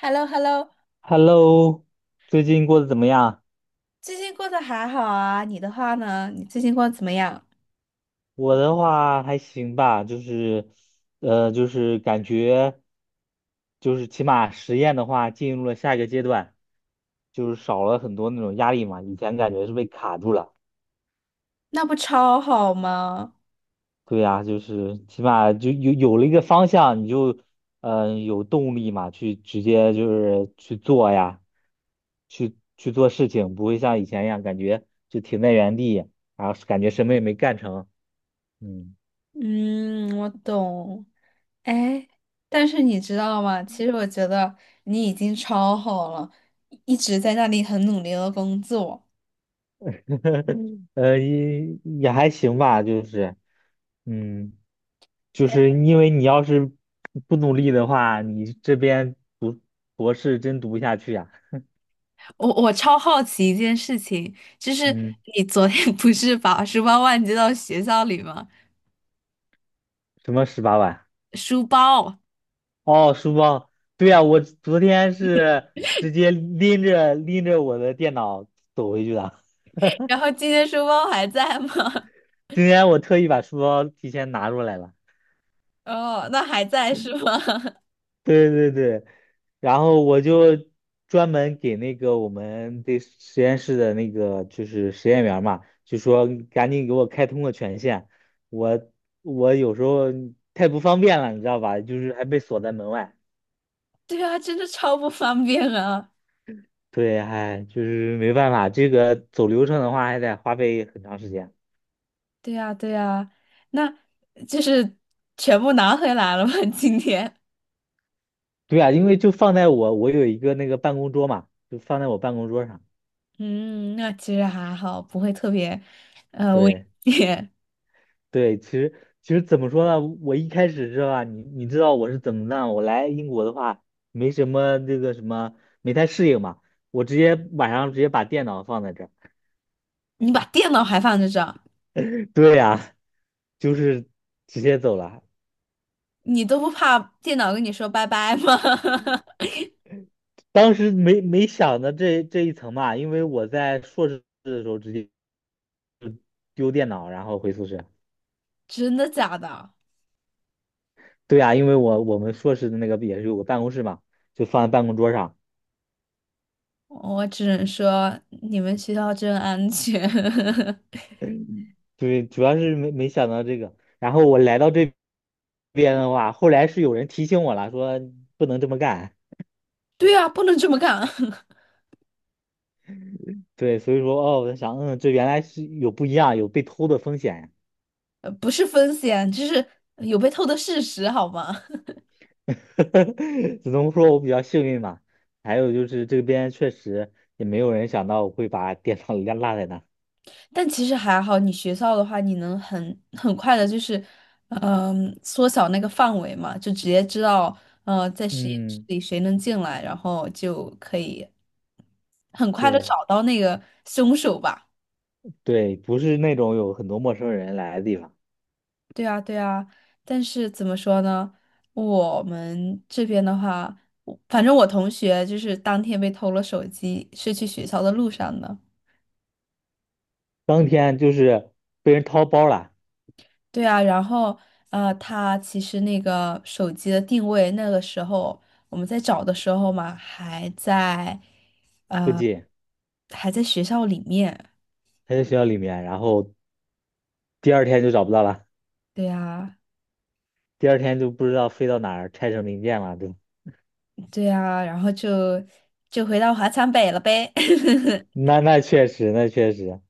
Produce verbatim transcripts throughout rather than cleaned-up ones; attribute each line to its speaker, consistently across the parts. Speaker 1: h e l l o h e l l o
Speaker 2: Hello，最近过得怎么样？
Speaker 1: 最近过得还好啊？你的话呢？你最近过得怎么样？
Speaker 2: 我的话还行吧，就是，呃，就是感觉，就是起码实验的话进入了下一个阶段，就是少了很多那种压力嘛。以前感觉是被卡住了，
Speaker 1: 那不超好吗？
Speaker 2: 对呀，就是起码就有有了一个方向，你就，嗯、有动力嘛，去直接就是去做呀，去去做事情，不会像以前一样感觉就停在原地，然后感觉什么也没干成，嗯。
Speaker 1: 嗯，我懂。哎，但是你知道吗？其实我觉得你已经超好了，一直在那里很努力的工作。
Speaker 2: 呃，也也还行吧，就是，嗯，就是因为你要是不努力的话，你这边读博士真读不下去呀、
Speaker 1: 我我超好奇一件事情，就是
Speaker 2: 嗯，
Speaker 1: 你昨天 不是把书包忘记到学校里吗？
Speaker 2: 什么十八万？
Speaker 1: 书包，
Speaker 2: 哦，书包。对呀、我昨天是直接拎着拎着我的电脑走回去的。
Speaker 1: 然后今天书包还在吗？
Speaker 2: 今天我特意把书包提前拿出来了。
Speaker 1: 哦，那还在是吗？
Speaker 2: 对对对，然后我就专门给那个我们的实验室的那个就是实验员儿嘛，就说赶紧给我开通个权限，我我有时候太不方便了，你知道吧？就是还被锁在门外。
Speaker 1: 对啊，真的超不方便啊！
Speaker 2: 对，哎，就是没办法，这个走流程的话还得花费很长时间。
Speaker 1: 对啊，对啊，那就是全部拿回来了吗？今天？
Speaker 2: 对啊，因为就放在我我有一个那个办公桌嘛，就放在我办公桌上。
Speaker 1: 嗯，那其实还好，不会特别呃危
Speaker 2: 对。
Speaker 1: 险。
Speaker 2: 对，其实其实怎么说呢？我一开始是吧，你你知道我是怎么弄？我来英国的话，没什么那个什么，没太适应嘛。我直接晚上直接把电脑放在这儿。
Speaker 1: 你把电脑还放在这儿，
Speaker 2: 对呀，就是直接走了。
Speaker 1: 你都不怕电脑跟你说拜拜吗？
Speaker 2: 当时没没想到这这一层嘛，因为我在硕士的时候直接丢电脑，然后回宿舍。
Speaker 1: 真的假的？
Speaker 2: 对呀，因为我我们硕士的那个也是有个办公室嘛，就放在办公桌上。
Speaker 1: 我只能说你们学校真安全。
Speaker 2: 对，主要是没没想到这个。然后我来到这边的话，后来是有人提醒我了，说不能这么干。
Speaker 1: 对啊，不能这么干，
Speaker 2: 对，所以说哦，我在想，嗯，这原来是有不一样，有被偷的风险呀
Speaker 1: 呃不是风险，就是有被偷的事实，好吗？
Speaker 2: 只能说我比较幸运吧。还有就是这边确实也没有人想到我会把电脑落落在那。
Speaker 1: 但其实还好，你学校的话，你能很很快的，就是，嗯、缩小那个范围嘛，就直接知道，呃，在实验室
Speaker 2: 嗯，
Speaker 1: 里谁能进来，然后就可以很快的
Speaker 2: 对
Speaker 1: 找到那个凶手吧。
Speaker 2: 对，不是那种有很多陌生人来的地方。
Speaker 1: 对啊，对啊。但是怎么说呢？我们这边的话，我反正我同学就是当天被偷了手机，是去学校的路上的。
Speaker 2: 当天就是被人掏包了，
Speaker 1: 对啊，然后呃，他其实那个手机的定位，那个时候我们在找的时候嘛，还在
Speaker 2: 不
Speaker 1: 呃
Speaker 2: 仅
Speaker 1: 还在学校里面。
Speaker 2: 还在学校里面，然后第二天就找不到了。
Speaker 1: 对啊，
Speaker 2: 第二天就不知道飞到哪儿，拆成零件了，对。
Speaker 1: 对啊，然后就就回到华强北了呗。
Speaker 2: 那那确实，那确实，嗯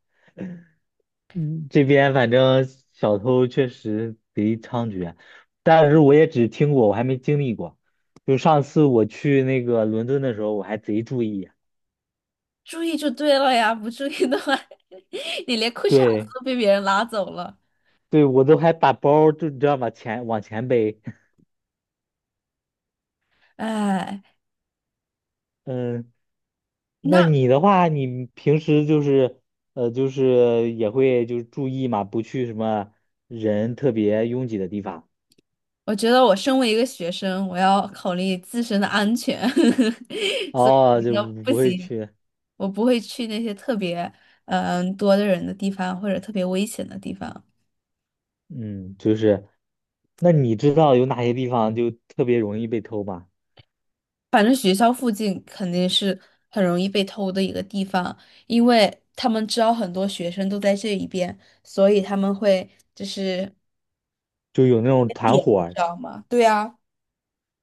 Speaker 2: 这边反正小偷确实贼猖獗，但是我也只听过，我还没经历过。就上次我去那个伦敦的时候，我还贼注意，
Speaker 1: 注意就对了呀，不注意的话，你连裤衩子
Speaker 2: 对
Speaker 1: 都被别人拉走了。
Speaker 2: 对，我都还把包儿就你知道吗？前往前背。
Speaker 1: 哎，
Speaker 2: 嗯，那
Speaker 1: 那
Speaker 2: 你的话，你平时就是呃，就是也会就是注意嘛，不去什么人特别拥挤的地方。
Speaker 1: 我觉得我身为一个学生，我要考虑自身的安全，所以
Speaker 2: 哦，
Speaker 1: 我觉
Speaker 2: 就不
Speaker 1: 得不
Speaker 2: 不会
Speaker 1: 行。
Speaker 2: 去。
Speaker 1: 我不会去那些特别嗯、呃多的人的地方或者特别危险的地方。
Speaker 2: 嗯，就是，那你知道有哪些地方就特别容易被偷吗？
Speaker 1: 反正学校附近肯定是很容易被偷的一个地方，因为他们知道很多学生都在这一边，所以他们会就是
Speaker 2: 就有那种团
Speaker 1: 点，
Speaker 2: 伙
Speaker 1: 你知
Speaker 2: 儿
Speaker 1: 道吗？对呀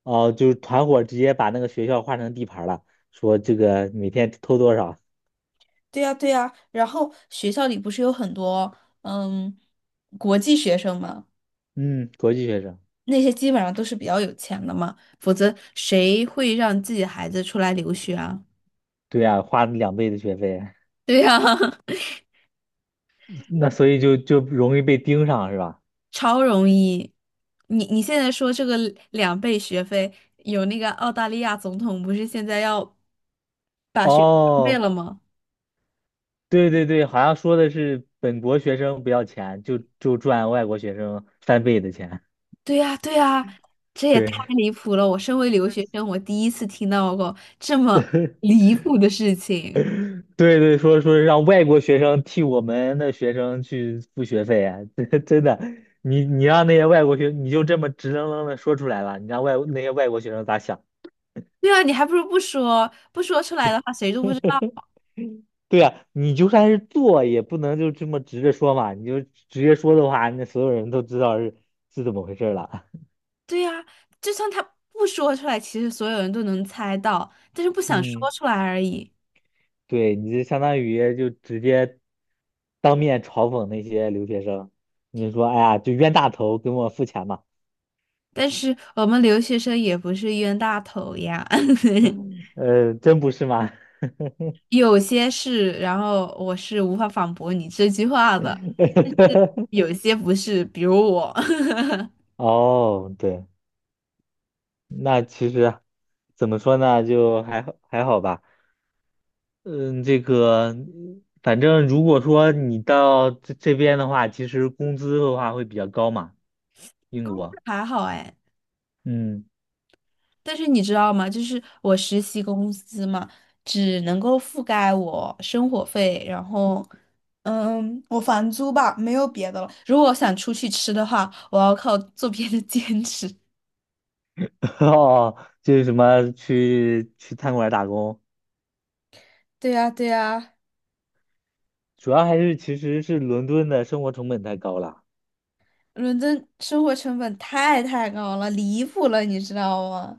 Speaker 2: 哦、就是团伙儿直接把那个学校划成地盘儿了，说这个每天偷多少？
Speaker 1: 对呀对呀，然后学校里不是有很多嗯国际学生嘛，
Speaker 2: 嗯，国际学生，
Speaker 1: 那些基本上都是比较有钱的嘛，否则谁会让自己的孩子出来留学啊？
Speaker 2: 对呀、花两倍的学费，
Speaker 1: 对呀、
Speaker 2: 那所以就就容易被盯上是吧？
Speaker 1: 超容易。你你现在说这个两倍学费，有那个澳大利亚总统不是现在要把学费两倍
Speaker 2: 哦，
Speaker 1: 了吗？
Speaker 2: 对对对，好像说的是本国学生不要钱，就就赚外国学生翻倍的钱，
Speaker 1: 对呀，对呀，这 也太
Speaker 2: 对。
Speaker 1: 离谱了！我身为留学生，我第一次听到过这么离谱的事情。
Speaker 2: 对对，说说让外国学生替我们的学生去付学费啊，真的，你你让那些外国学，你就这么直愣愣的说出来了，你让外那些外国学生咋想？
Speaker 1: 对啊，你还不如不说，不说出来的话，谁都不知道。
Speaker 2: 对呀，你就算是做，也不能就这么直着说嘛，你就直接说的话，那所有人都知道是是怎么回事儿了。
Speaker 1: 对呀，就算他不说出来，其实所有人都能猜到，但是不 想
Speaker 2: 嗯，
Speaker 1: 说出来而已。
Speaker 2: 对，你就相当于就直接当面嘲讽那些留学生，你就说，哎呀，就冤大头，给我付钱嘛，
Speaker 1: 但是我们留学生也不是冤大头呀。
Speaker 2: 呃，真不是吗？
Speaker 1: 有些是，然后我是无法反驳你这句话的，但是 有些不是，比如我，
Speaker 2: 哦，对，那其实怎么说呢，就还好还好吧。嗯，这个反正如果说你到这这边的话，其实工资的话会比较高嘛，英国。
Speaker 1: 还好哎。
Speaker 2: 嗯，
Speaker 1: 但是你知道吗？就是我实习公司嘛，只能够覆盖我生活费，然后，嗯，我房租吧，没有别的了。如果我想出去吃的话，我要靠做别的兼职。
Speaker 2: 哦，就是什么去去餐馆打工，
Speaker 1: 对呀，对呀，
Speaker 2: 主要还是其实是伦敦的生活成本太高了。
Speaker 1: 伦敦生活成本太太高了，离谱了，你知道吗？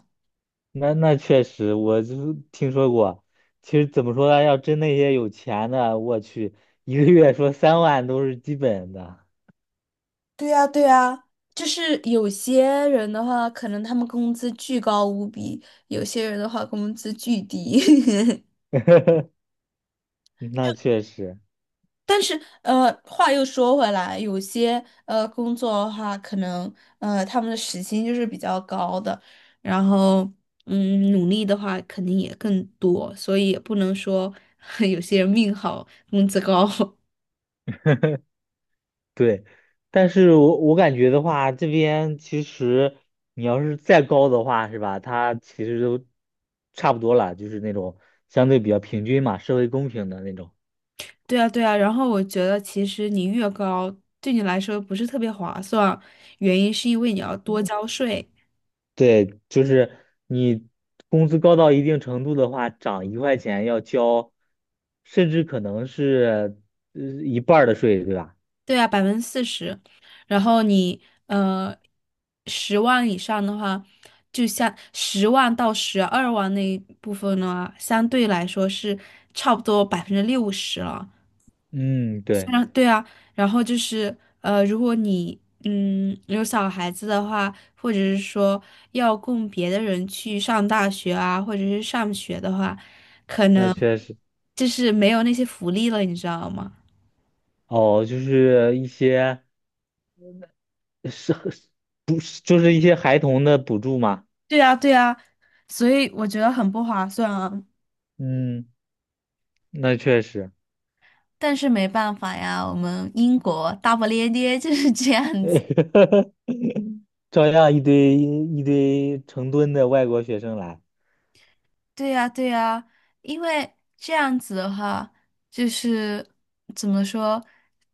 Speaker 2: 那那确实，我就是听说过。其实怎么说呢，要真那些有钱的，我去，一个月说三万都是基本的。
Speaker 1: 对呀，对呀，就是有些人的话，可能他们工资巨高无比；有些人的话，工资巨低。
Speaker 2: 嗯那确实
Speaker 1: 但是，呃，话又说回来，有些呃工作的话，可能呃他们的时薪就是比较高的，然后嗯，努力的话肯定也更多，所以也不能说 有些人命好，工资高。
Speaker 2: 对，但是我我感觉的话，这边其实你要是再高的话，是吧？它其实都差不多了，就是那种相对比较平均嘛，社会公平的那种。
Speaker 1: 对啊，对啊，然后我觉得其实你越高，对你来说不是特别划算，原因是因为你要多交税。
Speaker 2: 对，就是你工资高到一定程度的话，涨一块钱要交，甚至可能是呃一半儿的税，对吧？
Speaker 1: 对啊，百分之四十，然后你呃十万以上的话，就像十万到十二万那一部分呢，相对来说是差不多百分之六十了。
Speaker 2: 嗯，对，
Speaker 1: 然后对啊，然后就是呃，如果你嗯有小孩子的话，或者是说要供别的人去上大学啊，或者是上学的话，可
Speaker 2: 那
Speaker 1: 能
Speaker 2: 确实。
Speaker 1: 就是没有那些福利了，你知道吗？
Speaker 2: 哦，就是一些。是不是就是一些孩童的补助嘛？
Speaker 1: 对啊，对啊，所以我觉得很不划算啊。
Speaker 2: 嗯，那确实，
Speaker 1: 但是没办法呀，我们英国大不列颠就是这样子。
Speaker 2: 照样一堆一堆成吨的外国学生来。
Speaker 1: 对呀，对呀，因为这样子的话，就是怎么说，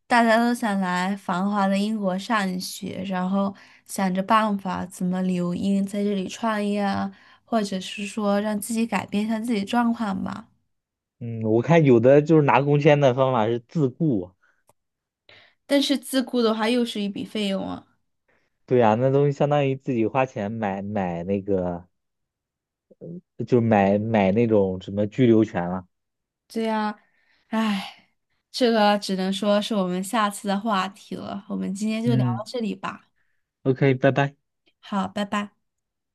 Speaker 1: 大家都想来繁华的英国上学，然后想着办法怎么留英，在这里创业啊，或者是说让自己改变一下自己状况吧。
Speaker 2: 嗯，我看有的就是拿工签的方法是自雇，
Speaker 1: 但是自雇的话，又是一笔费用啊。
Speaker 2: 对呀、那东西相当于自己花钱买买那个，就买买那种什么居留权了。
Speaker 1: 对呀，唉，这个只能说是我们下次的话题了。我们今天就聊到
Speaker 2: 嗯
Speaker 1: 这里吧。
Speaker 2: ，O K，拜拜。
Speaker 1: 好，拜拜。